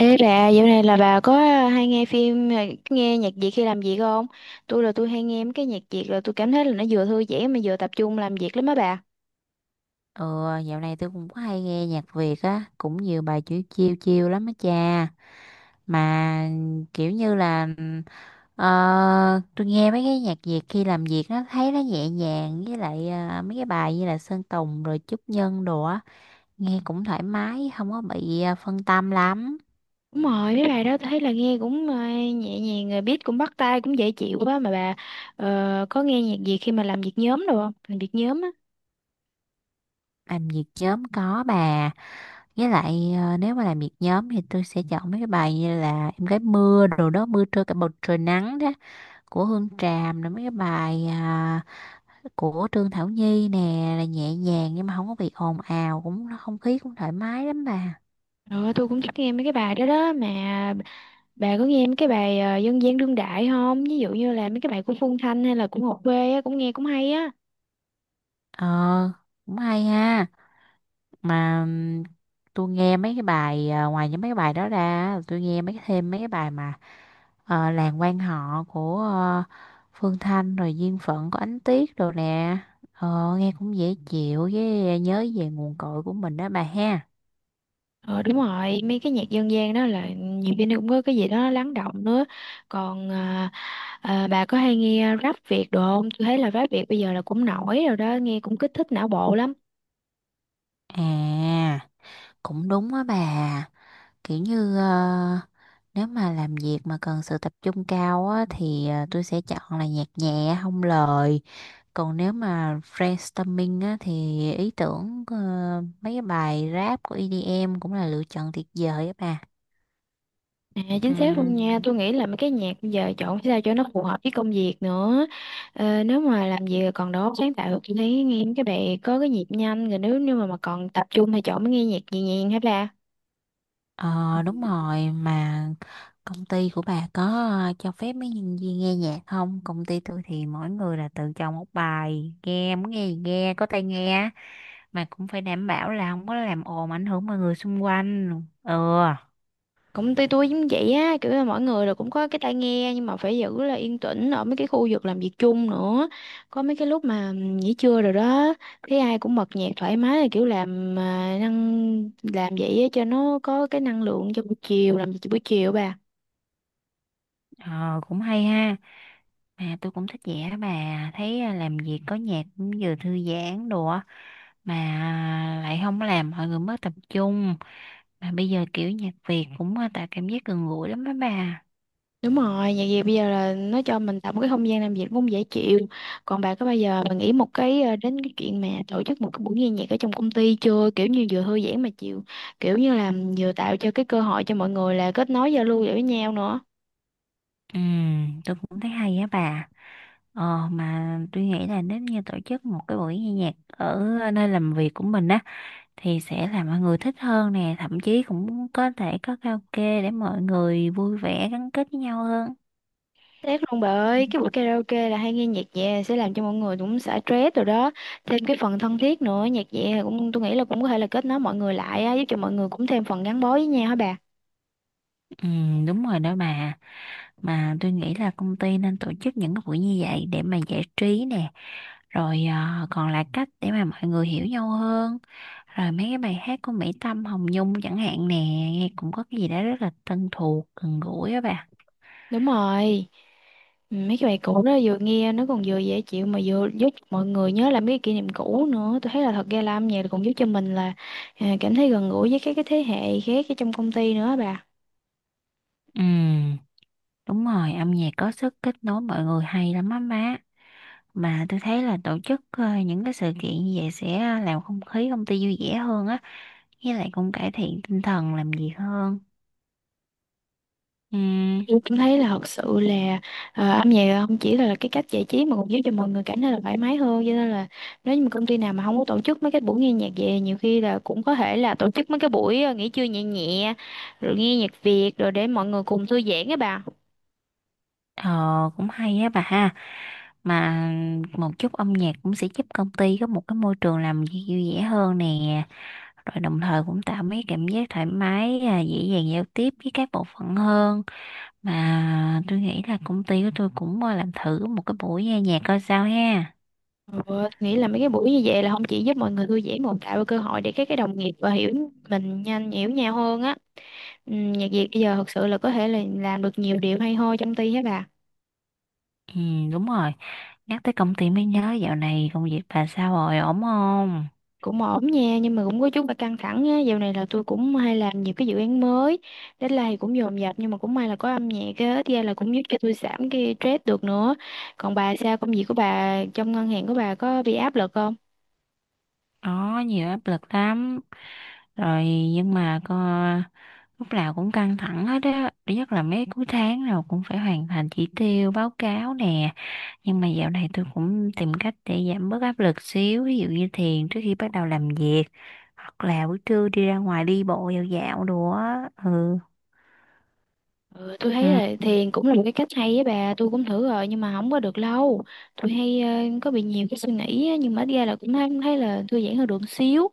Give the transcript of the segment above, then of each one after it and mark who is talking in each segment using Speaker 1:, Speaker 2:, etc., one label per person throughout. Speaker 1: Ê bà, dạo này là bà có hay nghe phim, nghe nhạc Việt khi làm việc không? Tôi là tôi hay nghe mấy cái nhạc Việt là tôi cảm thấy là nó vừa thư giãn mà vừa tập trung làm việc lắm á bà.
Speaker 2: Ừ, dạo này tôi cũng có hay nghe nhạc Việt á, cũng nhiều bài chữ chiêu chiêu lắm á cha. Mà kiểu như là ờ, tôi nghe mấy cái nhạc Việt khi làm việc nó thấy nó nhẹ nhàng với lại mấy cái bài như là Sơn Tùng rồi Trúc Nhân đồ á, nghe cũng thoải mái, không có bị phân tâm lắm.
Speaker 1: Đúng rồi, mấy bài đó tôi thấy là nghe cũng nhẹ nhàng, rồi beat cũng bắt tai, cũng dễ chịu quá mà bà có nghe nhạc Việt khi mà làm việc nhóm đâu không? Làm việc nhóm á.
Speaker 2: Làm việc nhóm có bà. Với lại nếu mà làm việc nhóm thì tôi sẽ chọn mấy cái bài như là Em gái mưa đồ đó mưa trưa cả bầu trời nắng đó của Hương Tràm rồi mấy cái bài của Trương Thảo Nhi nè là nhẹ nhàng nhưng mà không có bị ồn ào cũng không khí cũng thoải mái lắm bà.
Speaker 1: Rồi tôi cũng thích nghe mấy cái bài đó đó, mà bà có nghe mấy cái bài dân gian đương đại không? Ví dụ như là mấy cái bài của Phương Thanh hay là của Ngọc Quê á, cũng nghe cũng hay á.
Speaker 2: Ờ, cũng hay ha. Mà tôi nghe mấy cái bài ngoài những mấy cái bài đó ra tôi nghe mấy thêm mấy cái bài mà làng quan họ của Phương Thanh rồi duyên phận của Ánh Tuyết đồ nè. Nghe cũng dễ chịu với nhớ về nguồn cội của mình đó bà ha.
Speaker 1: Ờ đúng rồi, mấy cái nhạc dân gian đó là nhiều khi nó cũng có cái gì đó lắng động nữa. Còn à, bà có hay nghe rap Việt đồ không? Tôi thấy là rap Việt bây giờ là cũng nổi rồi đó, nghe cũng kích thích não bộ lắm.
Speaker 2: À, cũng đúng á bà. Kiểu như nếu mà làm việc mà cần sự tập trung cao á thì tôi sẽ chọn là nhạc nhẹ không lời. Còn nếu mà brainstorming á thì ý tưởng mấy cái bài rap của EDM cũng là lựa chọn tuyệt vời á
Speaker 1: À, chính xác luôn
Speaker 2: bà.
Speaker 1: nha, tôi nghĩ là mấy cái nhạc bây giờ chọn sao cho nó phù hợp với công việc nữa. Ờ, nếu mà làm việc còn đó sáng tạo tôi thấy nghe mấy cái bài có cái nhịp nhanh, rồi nếu như mà còn tập trung thì chọn mới nghe nhạc nhẹ nhàng hả bà?
Speaker 2: Ờ, đúng rồi. Mà công ty của bà có cho phép mấy nhân viên nghe nhạc không? Công ty tôi thì mỗi người là tự chọn một bài nghe muốn nghe gì nghe có tai nghe mà cũng phải đảm bảo là không có làm ồn ảnh hưởng mọi người xung quanh. Ừ.
Speaker 1: Công ty tôi giống vậy á, kiểu là mọi người rồi cũng có cái tai nghe nhưng mà phải giữ là yên tĩnh ở mấy cái khu vực làm việc chung nữa. Có mấy cái lúc mà nghỉ trưa rồi đó, thấy ai cũng bật nhạc thoải mái, là kiểu làm à, năng làm vậy á cho nó có cái năng lượng cho buổi chiều, làm việc buổi chiều bà.
Speaker 2: ờ, Cũng hay ha. Mà tôi cũng thích vẽ đó bà. Thấy làm việc có nhạc cũng vừa thư giãn đồ á, mà lại không làm mọi người mất tập trung. Mà bây giờ kiểu nhạc Việt cũng tạo cảm giác gần gũi lắm đó bà.
Speaker 1: Đúng rồi, nhạc Việt bây giờ là nó cho mình tạo một cái không gian làm việc cũng dễ chịu. Còn bà có bao giờ bà nghĩ một cái đến cái chuyện mà tổ chức một cái buổi nghe nhạc ở trong công ty chưa? Kiểu như vừa thư giãn mà chịu, kiểu như là vừa tạo cho cái cơ hội cho mọi người là kết nối giao lưu với nhau nữa.
Speaker 2: Ừ, tôi cũng thấy hay á bà. Ờ, mà tôi nghĩ là nếu như tổ chức một cái buổi nghe nhạc ở nơi làm việc của mình á thì sẽ làm mọi người thích hơn nè, thậm chí cũng có thể có karaoke để mọi người vui vẻ gắn kết với nhau hơn.
Speaker 1: Tiếc luôn bà ơi, cái buổi karaoke là hay nghe nhạc nhẹ sẽ làm cho mọi người cũng xả stress rồi đó. Thêm cái phần thân thiết nữa, nhạc nhẹ cũng tôi nghĩ là cũng có thể là kết nối mọi người lại á, giúp cho mọi người cũng thêm phần gắn bó với nhau hả bà?
Speaker 2: Ừ, đúng rồi đó bà. Mà tôi nghĩ là công ty nên tổ chức những cái buổi như vậy để mà giải trí nè, rồi còn là cách để mà mọi người hiểu nhau hơn. Rồi mấy cái bài hát của Mỹ Tâm Hồng Nhung chẳng hạn nè nghe cũng có cái gì đó rất là thân thuộc gần gũi á bà.
Speaker 1: Đúng rồi. Ừ, mấy cái bài cũ đó vừa nghe nó còn vừa dễ chịu mà vừa giúp mọi người nhớ lại mấy cái kỷ niệm cũ nữa. Tôi thấy là thật ra là âm nhạc cũng giúp cho mình là cảm thấy gần gũi với các cái thế hệ khác ở trong công ty nữa á bà.
Speaker 2: Ừ, đúng rồi. Âm nhạc có sức kết nối mọi người hay lắm á má. Mà tôi thấy là tổ chức những cái sự kiện như vậy sẽ làm không khí công ty vui vẻ hơn á, với lại cũng cải thiện tinh thần làm việc hơn. Ừ.
Speaker 1: Tôi cảm thấy là thật sự là âm nhạc không chỉ là cái cách giải trí mà còn giúp cho mọi người cảm thấy là thoải mái hơn. Cho nên là nếu như mà công ty nào mà không có tổ chức mấy cái buổi nghe nhạc về, nhiều khi là cũng có thể là tổ chức mấy cái buổi nghỉ trưa nhẹ nhẹ rồi nghe nhạc Việt rồi để mọi người cùng thư giãn á bà.
Speaker 2: Ờ, cũng hay á bà ha. Mà một chút âm nhạc cũng sẽ giúp công ty có một cái môi trường làm việc vui vẻ hơn nè. Rồi đồng thời cũng tạo mấy cảm giác thoải mái, dễ dàng giao tiếp với các bộ phận hơn. Mà tôi nghĩ là công ty của tôi cũng làm thử một cái buổi nghe nhạc coi sao ha.
Speaker 1: Ừ, nghĩ là mấy cái buổi như vậy là không chỉ giúp mọi người thư giãn mà còn tạo cơ hội để các cái đồng nghiệp và hiểu mình nhanh hiểu nhau hơn á. Ừ, nhạc Việt bây giờ thật sự là có thể là làm được nhiều điều hay ho trong ty hết bà.
Speaker 2: Ừ, đúng rồi. Nhắc tới công ty mới nhớ dạo này công việc bà sao rồi, ổn không?
Speaker 1: Cũng ổn nha, nhưng mà cũng có chút là căng thẳng á, dạo này là tôi cũng hay làm nhiều cái dự án mới, deadline thì cũng dồn dập, nhưng mà cũng may là có âm nhạc á thì là cũng giúp cho tôi giảm cái stress được nữa. Còn bà sao, công việc của bà trong ngân hàng của bà có bị áp lực không?
Speaker 2: Có nhiều áp lực lắm. Rồi nhưng mà coi lúc nào cũng căng thẳng hết á, nhất là mấy cuối tháng nào cũng phải hoàn thành chỉ tiêu báo cáo nè. Nhưng mà dạo này tôi cũng tìm cách để giảm bớt áp lực xíu, ví dụ như thiền trước khi bắt đầu làm việc hoặc là buổi trưa đi ra ngoài đi bộ dạo dạo đồ á. Ừ.
Speaker 1: Ừ, tôi thấy
Speaker 2: Ừ,
Speaker 1: là thiền cũng là một cái cách hay với bà, tôi cũng thử rồi nhưng mà không có được lâu. Tôi hay có bị nhiều cái suy nghĩ á, nhưng mà ít ra là cũng thấy là thư giãn hơn được xíu.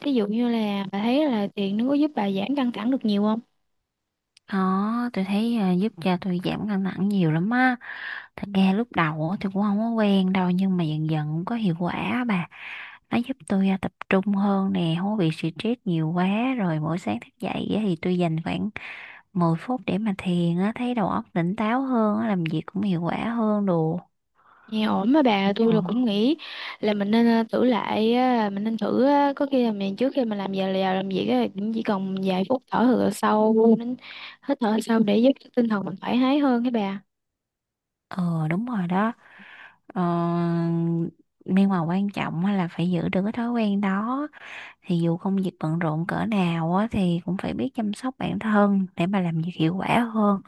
Speaker 1: Thí dụ như là bà thấy là thiền nó có giúp bà giảm căng thẳng được nhiều không?
Speaker 2: đó tôi thấy giúp cho tôi giảm căng thẳng nhiều lắm á. Thật ra lúc đầu á, thì cũng không có quen đâu nhưng mà dần dần cũng có hiệu quả á bà. Nó giúp tôi tập trung hơn nè, không có bị stress nhiều quá. Rồi mỗi sáng thức dậy á, thì tôi dành khoảng 10 phút để mà thiền á, thấy đầu óc tỉnh táo hơn á, làm việc cũng hiệu quả hơn đồ.
Speaker 1: Nghe ổn mà bà, tôi là cũng
Speaker 2: ờ,
Speaker 1: nghĩ là mình nên thử lại á, mình nên thử á, có khi là mình trước khi mình làm giờ là làm việc á, cũng chỉ cần vài phút thở hơi sâu, hít thở sâu để giúp cho tinh thần mình thoải mái hơn các bà.
Speaker 2: ờ, đúng rồi đó. ờ, nhưng mà quan trọng á là phải giữ được cái thói quen đó, thì dù công việc bận rộn cỡ nào á thì cũng phải biết chăm sóc bản thân để mà làm việc hiệu quả hơn.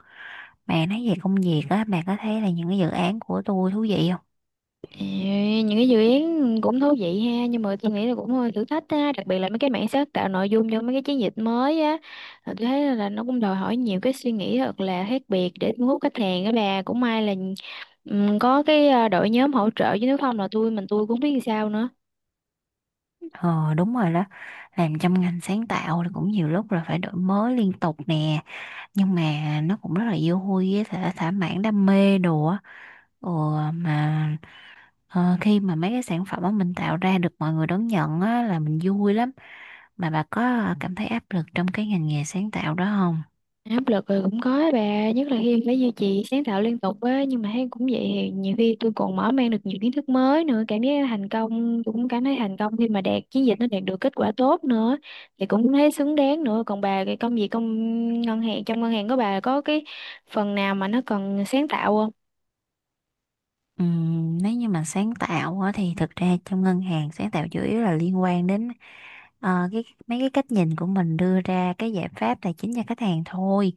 Speaker 2: Mà nói về công việc á, bạn có thấy là những cái dự án của tôi thú vị không?
Speaker 1: Ê, những cái dự án cũng thú vị ha, nhưng mà tôi nghĩ là cũng hơi thử thách á, đặc biệt là mấy cái mảng sáng tạo nội dung cho mấy cái chiến dịch mới á. Là tôi thấy là nó cũng đòi hỏi nhiều cái suy nghĩ thật là khác biệt để thu hút khách hàng á bà, cũng may là có cái đội nhóm hỗ trợ chứ nếu không là tôi mình tôi cũng biết làm sao nữa.
Speaker 2: Ờ, đúng rồi đó. Làm trong ngành sáng tạo thì cũng nhiều lúc là phải đổi mới liên tục nè, nhưng mà nó cũng rất là vô vui với thả thỏa mãn đam mê đồ á. Ừ, mà khi mà mấy cái sản phẩm mà mình tạo ra được mọi người đón nhận á là mình vui lắm. Mà bà có cảm thấy áp lực trong cái ngành nghề sáng tạo đó không?
Speaker 1: Áp lực rồi cũng có á bà, nhất là khi phải duy trì sáng tạo liên tục á, nhưng mà thấy cũng vậy, thì nhiều khi tôi còn mở mang được nhiều kiến thức mới nữa, cảm giác thành công, tôi cũng cảm thấy thành công khi mà đạt chiến dịch nó đạt được kết quả tốt nữa, thì cũng thấy xứng đáng nữa. Còn bà cái công việc ngân hàng, trong ngân hàng của bà có cái phần nào mà nó cần sáng tạo không?
Speaker 2: Nếu như mà sáng tạo á, thì thực ra trong ngân hàng sáng tạo chủ yếu là liên quan đến cái mấy cái cách nhìn của mình đưa ra cái giải pháp tài chính cho khách hàng thôi.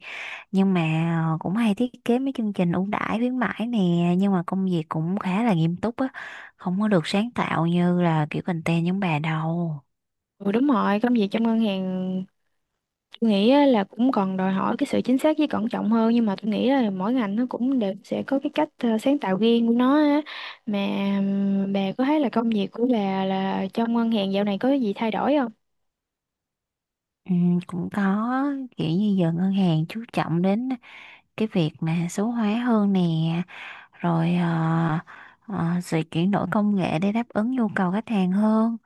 Speaker 2: Nhưng mà cũng hay thiết kế mấy chương trình ưu đãi khuyến mãi nè. Nhưng mà công việc cũng khá là nghiêm túc á, không có được sáng tạo như là kiểu content giống bà đâu.
Speaker 1: Ừ đúng rồi, công việc trong ngân hàng tôi nghĩ á, là cũng còn đòi hỏi cái sự chính xác với cẩn trọng hơn, nhưng mà tôi nghĩ là mỗi ngành nó cũng đều sẽ có cái cách sáng tạo riêng của nó á. Mà bà có thấy là công việc của bà là trong ngân hàng dạo này có gì thay đổi không?
Speaker 2: Ừ, cũng có. Kiểu như giờ ngân hàng chú trọng đến cái việc mà số hóa hơn nè, rồi sự chuyển đổi công nghệ để đáp ứng nhu cầu khách hàng hơn.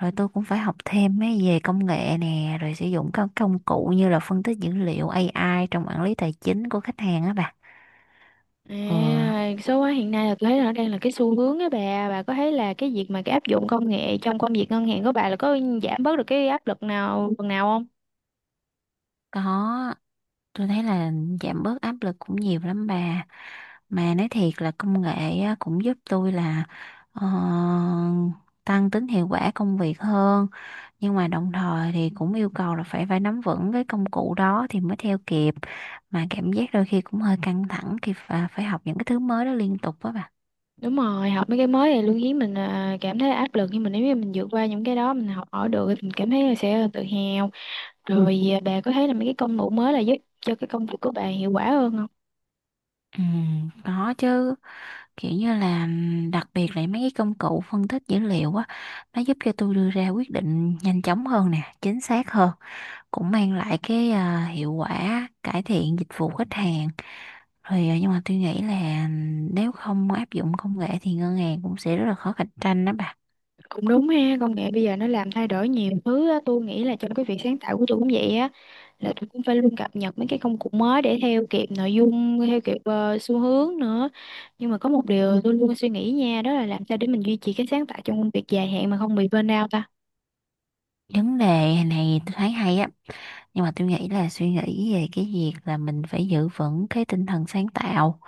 Speaker 2: Rồi tôi cũng phải học thêm mấy về công nghệ nè, rồi sử dụng các công cụ như là phân tích dữ liệu AI trong quản lý tài chính của khách hàng á bà.
Speaker 1: À,
Speaker 2: Ừ.
Speaker 1: số hóa hiện nay là tôi thấy là nó đang là cái xu hướng á bà. Bà có thấy là cái việc mà cái áp dụng công nghệ trong công việc ngân hàng của bà là có giảm bớt được cái áp lực nào phần nào không?
Speaker 2: Có, tôi thấy là giảm bớt áp lực cũng nhiều lắm bà. Mà nói thiệt là công nghệ á, cũng giúp tôi là ờ, tăng tính hiệu quả công việc hơn. Nhưng mà đồng thời thì cũng yêu cầu là phải phải nắm vững cái công cụ đó thì mới theo kịp. Mà cảm giác đôi khi cũng hơi căng thẳng khi phải học những cái thứ mới đó liên tục đó bà.
Speaker 1: Đúng rồi, học mấy cái mới thì luôn khiến mình cảm thấy áp lực, nhưng mà nếu như mình vượt qua những cái đó mình học hỏi được thì mình cảm thấy là sẽ tự hào. Ừ. Rồi à, bà có thấy là mấy cái công cụ mới là giúp cho cái công việc của bà hiệu quả hơn không?
Speaker 2: Ừ, có chứ. Kiểu như là đặc biệt là mấy cái công cụ phân tích dữ liệu á, nó giúp cho tôi đưa ra quyết định nhanh chóng hơn nè, chính xác hơn, cũng mang lại cái hiệu quả cải thiện dịch vụ khách hàng. Rồi nhưng mà tôi nghĩ là nếu không áp dụng công nghệ thì ngân hàng cũng sẽ rất là khó cạnh tranh đó bà.
Speaker 1: Cũng đúng ha, công nghệ bây giờ nó làm thay đổi nhiều thứ á, tôi nghĩ là trong cái việc sáng tạo của tôi cũng vậy á, là tôi cũng phải luôn cập nhật mấy cái công cụ mới để theo kịp nội dung, theo kịp xu hướng nữa. Nhưng mà có một điều tôi luôn suy nghĩ nha, đó là làm sao để mình duy trì cái sáng tạo trong công việc dài hạn mà không bị burnout
Speaker 2: Vấn đề này tôi thấy hay á, nhưng mà tôi nghĩ là suy nghĩ về cái việc là mình phải giữ vững cái tinh thần sáng tạo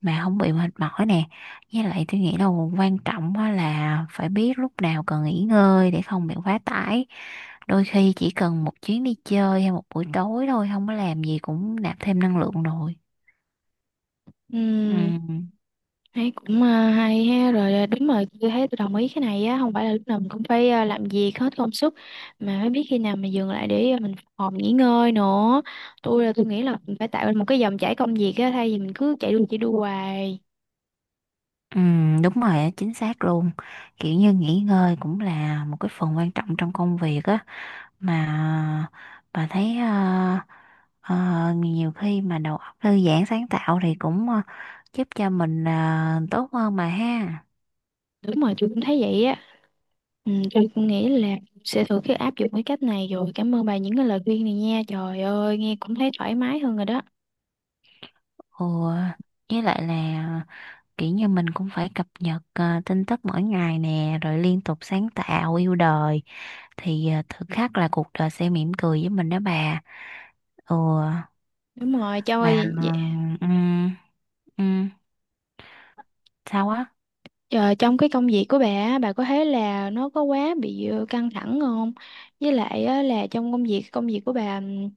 Speaker 2: mà không bị mệt mỏi nè. Với lại tôi nghĩ là quan trọng á là phải biết lúc nào cần nghỉ ngơi để không bị quá tải. Đôi khi chỉ cần một chuyến đi chơi hay một buổi tối thôi không có làm gì cũng nạp thêm năng lượng rồi. Ừ,
Speaker 1: ta. Thấy cũng hay ha, rồi à, đúng rồi tôi thấy tôi đồng ý cái này á, không phải là lúc nào mình cũng phải làm việc hết công sức mà phải biết khi nào mình dừng lại để mình phục hồi nghỉ ngơi nữa. Tôi là tôi nghĩ là mình phải tạo ra một cái dòng chảy công việc á, thay vì mình cứ chạy đua hoài.
Speaker 2: ừ, đúng rồi, á, chính xác luôn. Kiểu như nghỉ ngơi cũng là một cái phần quan trọng trong công việc á. Mà bà thấy ờ, nhiều khi mà đầu óc thư giãn sáng tạo thì cũng giúp cho mình tốt hơn mà ha.
Speaker 1: Đúng rồi tôi cũng thấy vậy á. Ừ, tôi cũng nghĩ là sẽ thử cái áp dụng cái cách này, rồi cảm ơn bà những cái lời khuyên này nha, trời ơi nghe cũng thấy thoải mái hơn rồi đó.
Speaker 2: Ồ, với lại là kiểu như mình cũng phải cập nhật tin tức mỗi ngày nè, rồi liên tục sáng tạo yêu đời thì thực khắc là cuộc đời sẽ mỉm cười với mình đó bà. Ồ.
Speaker 1: Đúng rồi cho
Speaker 2: Mà
Speaker 1: ơi.
Speaker 2: ừ, ừ, sao á?
Speaker 1: Ờ, trong cái công việc của bà á, bà có thấy là nó có quá bị căng thẳng không? Với lại á, là trong công việc của bà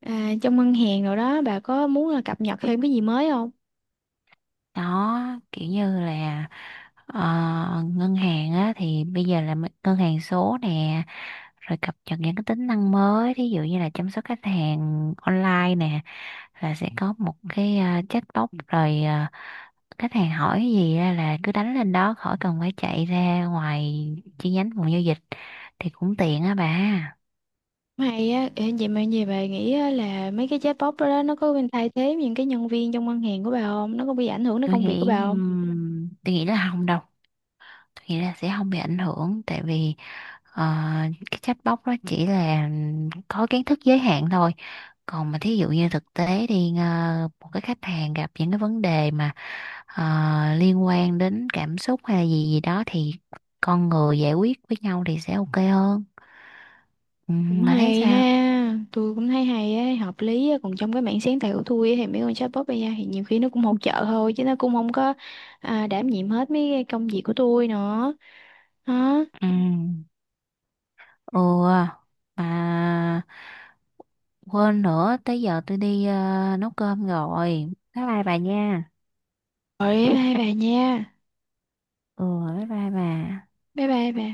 Speaker 1: trong ngân hàng rồi đó bà có muốn là cập nhật thêm cái gì mới không?
Speaker 2: Đó, kiểu như là ờ, ngân hàng á thì bây giờ là ngân hàng số nè, rồi cập nhật những cái tính năng mới, thí dụ như là chăm sóc khách hàng online nè, là sẽ có một cái chatbot. Rồi khách hàng hỏi cái gì ra là cứ đánh lên đó khỏi cần phải chạy ra ngoài chi nhánh phòng giao dịch thì cũng tiện á bà.
Speaker 1: Hay á, ờ, vậy mà gì bà nghĩ á, là mấy cái chatbot đó, đó nó có bên thay thế những cái nhân viên trong ngân hàng của bà không? Nó có bị ảnh hưởng đến
Speaker 2: Tôi
Speaker 1: công việc của
Speaker 2: nghĩ
Speaker 1: bà không?
Speaker 2: ừm, tôi nghĩ là không đâu. Nghĩ là sẽ không bị ảnh hưởng tại vì ờ, cái chatbot đó chỉ là có kiến thức giới hạn thôi. Còn mà thí dụ như thực tế đi một cái khách hàng gặp những cái vấn đề mà ờ, liên quan đến cảm xúc hay là gì gì đó thì con người giải quyết với nhau thì sẽ ok hơn. Ừ,
Speaker 1: Cũng
Speaker 2: bà thấy
Speaker 1: hay
Speaker 2: sao?
Speaker 1: ha, tôi cũng thấy hay á, hợp lý á. Còn trong cái mảng sáng tạo của tôi á, thì mấy con chatbot bây giờ thì nhiều khi nó cũng hỗ trợ thôi chứ nó cũng không có đảm nhiệm hết mấy cái công việc của tôi nữa. Đó.
Speaker 2: Ừ. Ừ, mà quên nữa tới giờ tôi đi nấu cơm rồi. Bye bye bà nha.
Speaker 1: Rồi bye bye bà nha.
Speaker 2: Ừ, bye bye bà.
Speaker 1: Bye bye bà.